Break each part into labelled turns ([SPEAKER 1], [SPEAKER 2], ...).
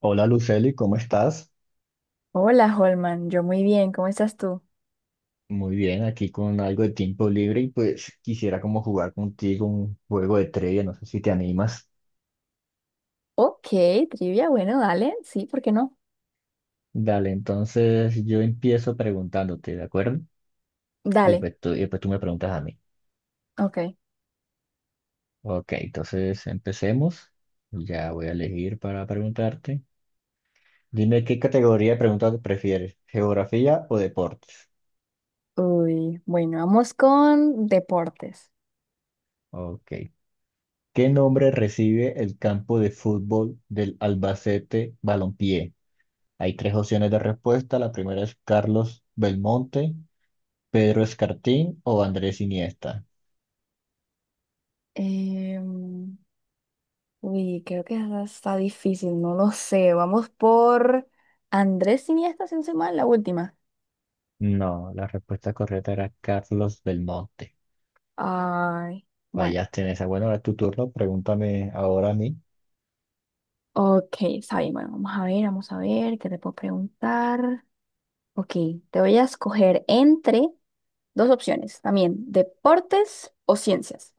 [SPEAKER 1] Hola Luceli, ¿cómo estás?
[SPEAKER 2] Hola, Holman. Yo muy bien. ¿Cómo estás tú?
[SPEAKER 1] Muy bien, aquí con algo de tiempo libre y pues quisiera como jugar contigo un juego de trivia, no sé si te animas.
[SPEAKER 2] Ok, trivia. Bueno, dale. Sí, ¿por qué no?
[SPEAKER 1] Dale, entonces yo empiezo preguntándote, ¿de acuerdo? Y
[SPEAKER 2] Dale.
[SPEAKER 1] pues tú, y después tú me preguntas a mí.
[SPEAKER 2] Ok.
[SPEAKER 1] Ok, entonces empecemos. Ya voy a elegir para preguntarte. Dime qué categoría de preguntas prefieres, ¿geografía o deportes?
[SPEAKER 2] Uy, bueno, vamos con deportes.
[SPEAKER 1] Ok. ¿Qué nombre recibe el campo de fútbol del Albacete Balompié? Hay tres opciones de respuesta. La primera es Carlos Belmonte, Pedro Escartín o Andrés Iniesta.
[SPEAKER 2] Em, uy, creo que esa está difícil. No lo sé. Vamos por Andrés Iniesta, sin ser mal, la última.
[SPEAKER 1] No, la respuesta correcta era Carlos Belmonte.
[SPEAKER 2] Ay, bueno.
[SPEAKER 1] Fallaste en esa. Bueno, ahora es tu turno. Pregúntame ahora a mí.
[SPEAKER 2] Ok, está bien. Bueno, vamos a ver, vamos a ver. ¿Qué te puedo preguntar? Ok, te voy a escoger entre dos opciones también, deportes o ciencias.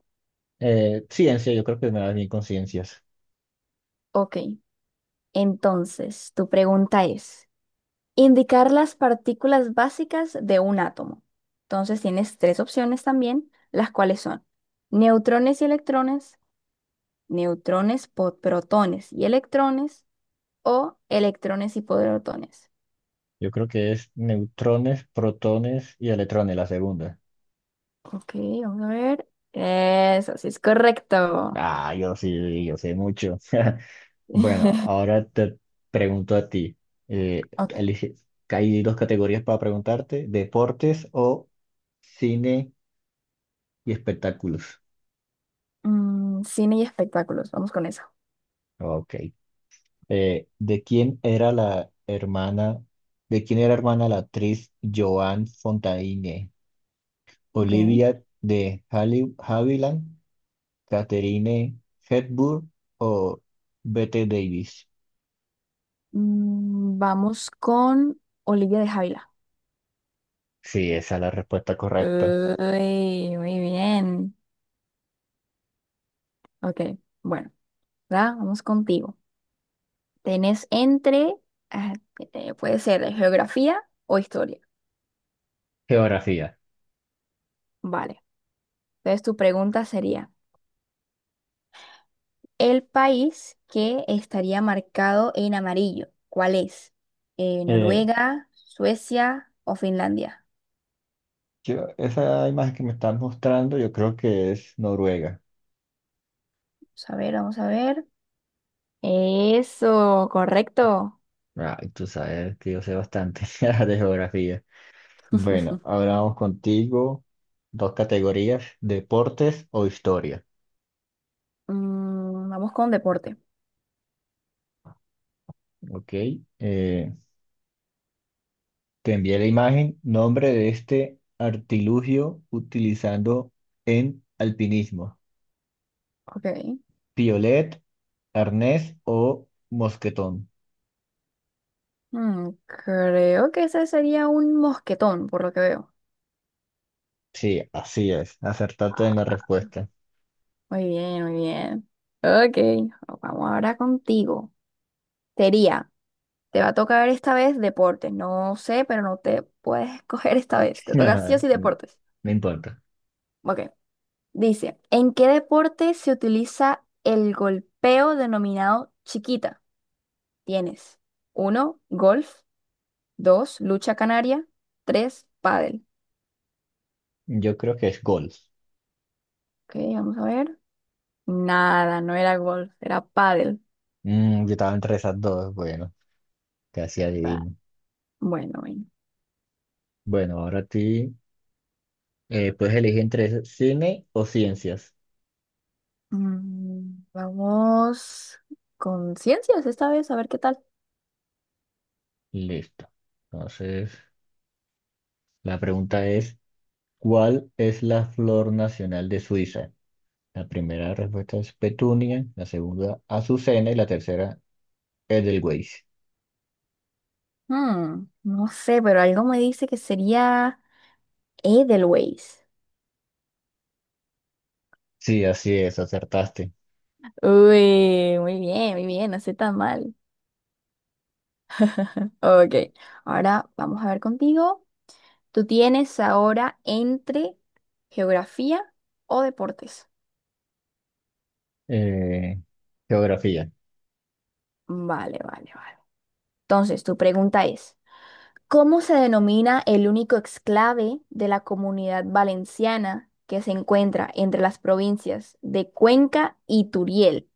[SPEAKER 1] Ciencia, yo creo que me das bien con ciencias.
[SPEAKER 2] Ok, entonces tu pregunta es, indicar las partículas básicas de un átomo. Entonces tienes tres opciones también, las cuales son neutrones y electrones, neutrones, protones y electrones o electrones y protones.
[SPEAKER 1] Yo creo que es neutrones, protones y electrones, la segunda.
[SPEAKER 2] Ok, vamos a ver. Eso sí es correcto.
[SPEAKER 1] Ah, yo sí, yo sé mucho. Bueno, ahora te pregunto a ti. Eh,
[SPEAKER 2] Ok.
[SPEAKER 1] elige- Hay dos categorías para preguntarte, deportes o cine y espectáculos.
[SPEAKER 2] Cine y espectáculos, vamos con eso.
[SPEAKER 1] Ok. ¿De quién era la hermana, de quién era hermana la actriz Joan Fontaine?
[SPEAKER 2] Ok.
[SPEAKER 1] ¿Olivia de Havilland, Catherine Hepburn o Bette Davis?
[SPEAKER 2] Vamos con Olivia de Havilland.
[SPEAKER 1] Sí, esa es la respuesta correcta.
[SPEAKER 2] Uy, muy bien. Ok, bueno, ¿verdad? Vamos contigo. Tenés entre, ah, puede ser de geografía o historia.
[SPEAKER 1] Geografía.
[SPEAKER 2] Vale. Entonces tu pregunta sería, ¿el país que estaría marcado en amarillo? ¿Cuál es?
[SPEAKER 1] Eh,
[SPEAKER 2] ¿Noruega, Suecia o Finlandia?
[SPEAKER 1] Esa imagen que me estás mostrando, yo creo que es Noruega.
[SPEAKER 2] Vamos a ver, vamos a ver. Eso, correcto.
[SPEAKER 1] Ah, tú sabes que yo sé bastante de geografía. Bueno, ahora vamos contigo. Dos categorías, deportes o historia.
[SPEAKER 2] Vamos con deporte.
[SPEAKER 1] Ok. Eh, Te envié la imagen, nombre de este artilugio utilizando en alpinismo.
[SPEAKER 2] Ok.
[SPEAKER 1] Piolet, arnés o mosquetón.
[SPEAKER 2] Creo que ese sería un mosquetón, por lo que veo.
[SPEAKER 1] Sí, así es. Acertaste en la
[SPEAKER 2] Ah,
[SPEAKER 1] respuesta.
[SPEAKER 2] muy bien, muy bien. Ok, vamos ahora contigo. Sería, te va a tocar esta vez deportes. No sé, pero no te puedes escoger esta vez. Te toca sí o
[SPEAKER 1] Nada,
[SPEAKER 2] sí deportes.
[SPEAKER 1] no importa.
[SPEAKER 2] Ok, dice, ¿en qué deporte se utiliza el golpeo denominado chiquita? Tienes uno, golf, dos, lucha canaria, tres, pádel.
[SPEAKER 1] Yo creo que es golf.
[SPEAKER 2] Ok, vamos a ver. Nada, no era golf, era pádel.
[SPEAKER 1] Yo estaba entre esas dos. Bueno, casi
[SPEAKER 2] Va,
[SPEAKER 1] adivino.
[SPEAKER 2] bueno, bueno.
[SPEAKER 1] Bueno, ahora a ti. Puedes elegir entre cine o ciencias.
[SPEAKER 2] Vamos con ciencias esta vez, a ver qué tal.
[SPEAKER 1] Listo. Entonces, la pregunta es, ¿cuál es la flor nacional de Suiza? La primera respuesta es petunia, la segunda azucena y la tercera Edelweiss.
[SPEAKER 2] No sé, pero algo me dice que sería Edelweiss.
[SPEAKER 1] Sí, así es, acertaste.
[SPEAKER 2] Uy, muy bien, no sé tan mal. Ok, ahora vamos a ver contigo. Tú tienes ahora entre geografía o deportes.
[SPEAKER 1] Eh, Geografía.
[SPEAKER 2] Vale, vale, vale. Entonces, tu pregunta es, ¿cómo se denomina el único exclave de la Comunidad Valenciana que se encuentra entre las provincias de Cuenca y Turiel?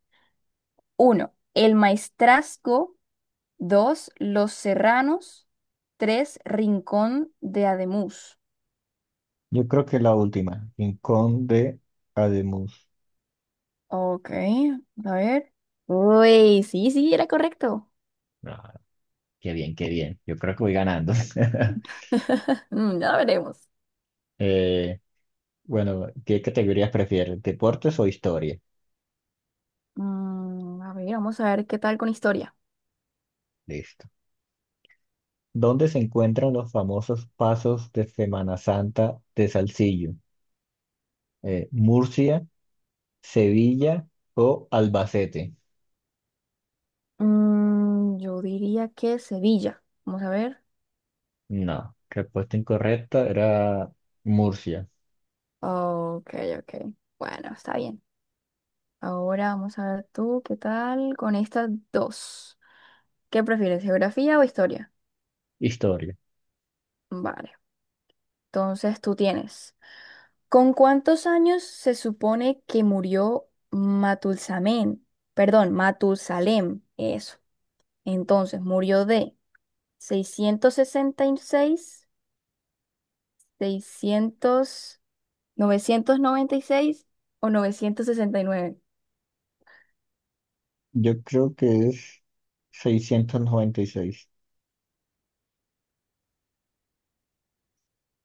[SPEAKER 2] Uno, El Maestrazgo. 2, Los Serranos. 3, Rincón de Ademuz.
[SPEAKER 1] Yo creo que la última, Rincón de Ademus.
[SPEAKER 2] Ok, a ver. Uy, sí, sí, era correcto.
[SPEAKER 1] Ah, qué bien, qué bien. Yo creo que voy ganando.
[SPEAKER 2] Mm, ya veremos.
[SPEAKER 1] Eh, bueno, ¿qué categorías prefieres? ¿Deportes o historia?
[SPEAKER 2] A ver, vamos a ver qué tal con historia.
[SPEAKER 1] Listo. ¿Dónde se encuentran los famosos pasos de Semana Santa de Salsillo? ¿Murcia, Sevilla o Albacete?
[SPEAKER 2] Yo diría que Sevilla. Vamos a ver.
[SPEAKER 1] No, respuesta incorrecta era Murcia.
[SPEAKER 2] Ok, ok. Bueno, está bien. Ahora vamos a ver tú, ¿qué tal con estas dos? ¿Qué prefieres, geografía o historia?
[SPEAKER 1] Historia.
[SPEAKER 2] Vale. Entonces tú tienes. ¿Con cuántos años se supone que murió Matulsamén? Perdón, Matusalem. Eso. Entonces, murió de seiscientos sesenta y seis, 600, 996 o 969.
[SPEAKER 1] Yo creo que es 696.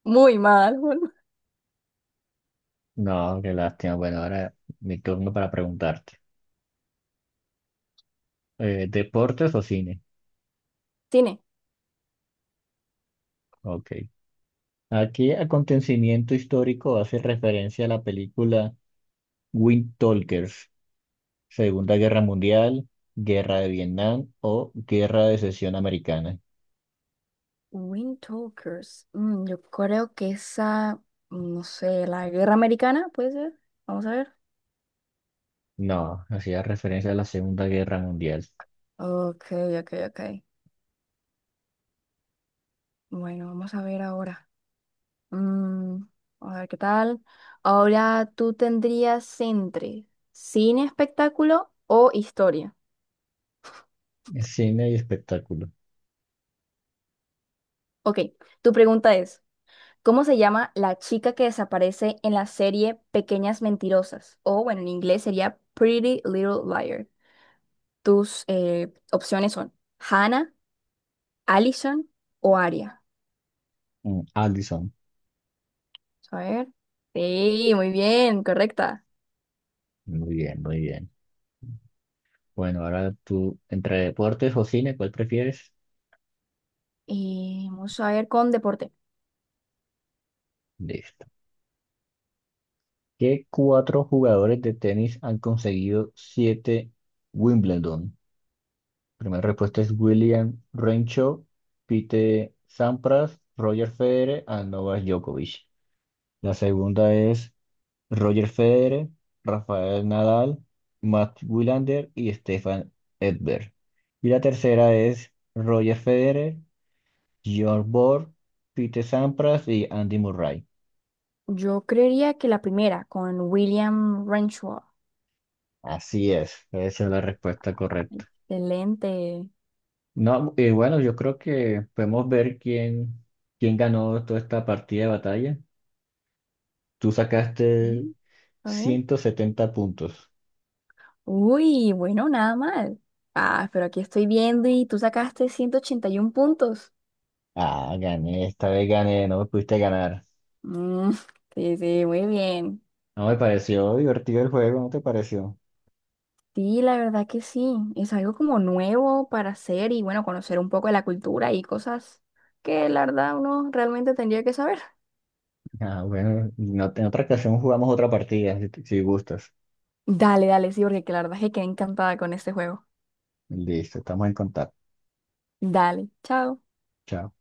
[SPEAKER 2] Muy mal.
[SPEAKER 1] No, qué lástima. Bueno, ahora mi turno para preguntarte. ¿Deportes o cine?
[SPEAKER 2] Tine.
[SPEAKER 1] Ok. ¿A qué acontecimiento histórico hace referencia la película Wind Talkers? Segunda Guerra Mundial, Guerra de Vietnam o Guerra de Secesión Americana.
[SPEAKER 2] Wind Talkers. Yo creo que esa, no sé, la guerra americana, puede ser. Vamos a ver.
[SPEAKER 1] No, hacía referencia a la Segunda Guerra Mundial.
[SPEAKER 2] Ok, ok, ok. Bueno, vamos a ver ahora. Mm, a ver qué tal. Ahora tú tendrías entre cine, espectáculo o historia.
[SPEAKER 1] Cine y espectáculo.
[SPEAKER 2] Ok, tu pregunta es, ¿cómo se llama la chica que desaparece en la serie Pequeñas Mentirosas? O bueno, en inglés sería Pretty Little Liar. Tus opciones son Hannah, Alison o Aria.
[SPEAKER 1] Allison.
[SPEAKER 2] Vamos a ver. Sí, muy bien, correcta.
[SPEAKER 1] Muy bien, muy bien. Bueno, ahora tú, entre deportes o cine, ¿cuál prefieres?
[SPEAKER 2] Vamos a ver con deporte.
[SPEAKER 1] Listo. ¿Qué cuatro jugadores de tenis han conseguido siete Wimbledon? Primera respuesta es William Renshaw, Pete Sampras, Roger Federer y Novak Djokovic. La segunda es Roger Federer, Rafael Nadal, Matt Wilander y Stefan Edberg. Y la tercera es Roger Federer, Bjorn Borg, Pete Sampras y Andy Murray.
[SPEAKER 2] Yo creería que la primera, con William Renshaw.
[SPEAKER 1] Así es, esa es la respuesta correcta.
[SPEAKER 2] Excelente.
[SPEAKER 1] No, y bueno, yo creo que podemos ver quién ganó toda esta partida de batalla. Tú sacaste
[SPEAKER 2] Mm, A ver.
[SPEAKER 1] 170 puntos.
[SPEAKER 2] Uy, bueno, nada mal. Ah, pero aquí estoy viendo y tú sacaste 181 puntos.
[SPEAKER 1] Ah, gané, esta vez gané, no me pudiste ganar.
[SPEAKER 2] Mm, sí, sí, muy bien.
[SPEAKER 1] No me pareció divertido el juego, ¿no te pareció?
[SPEAKER 2] Sí, la verdad que sí. Es algo como nuevo para hacer y bueno, conocer un poco de la cultura y cosas que la verdad uno realmente tendría que saber.
[SPEAKER 1] Ah, bueno, en otra ocasión jugamos otra partida, si gustas.
[SPEAKER 2] Dale, dale, sí, porque la verdad es que quedé encantada con este juego.
[SPEAKER 1] Listo, estamos en contacto.
[SPEAKER 2] Dale, chao.
[SPEAKER 1] Chao.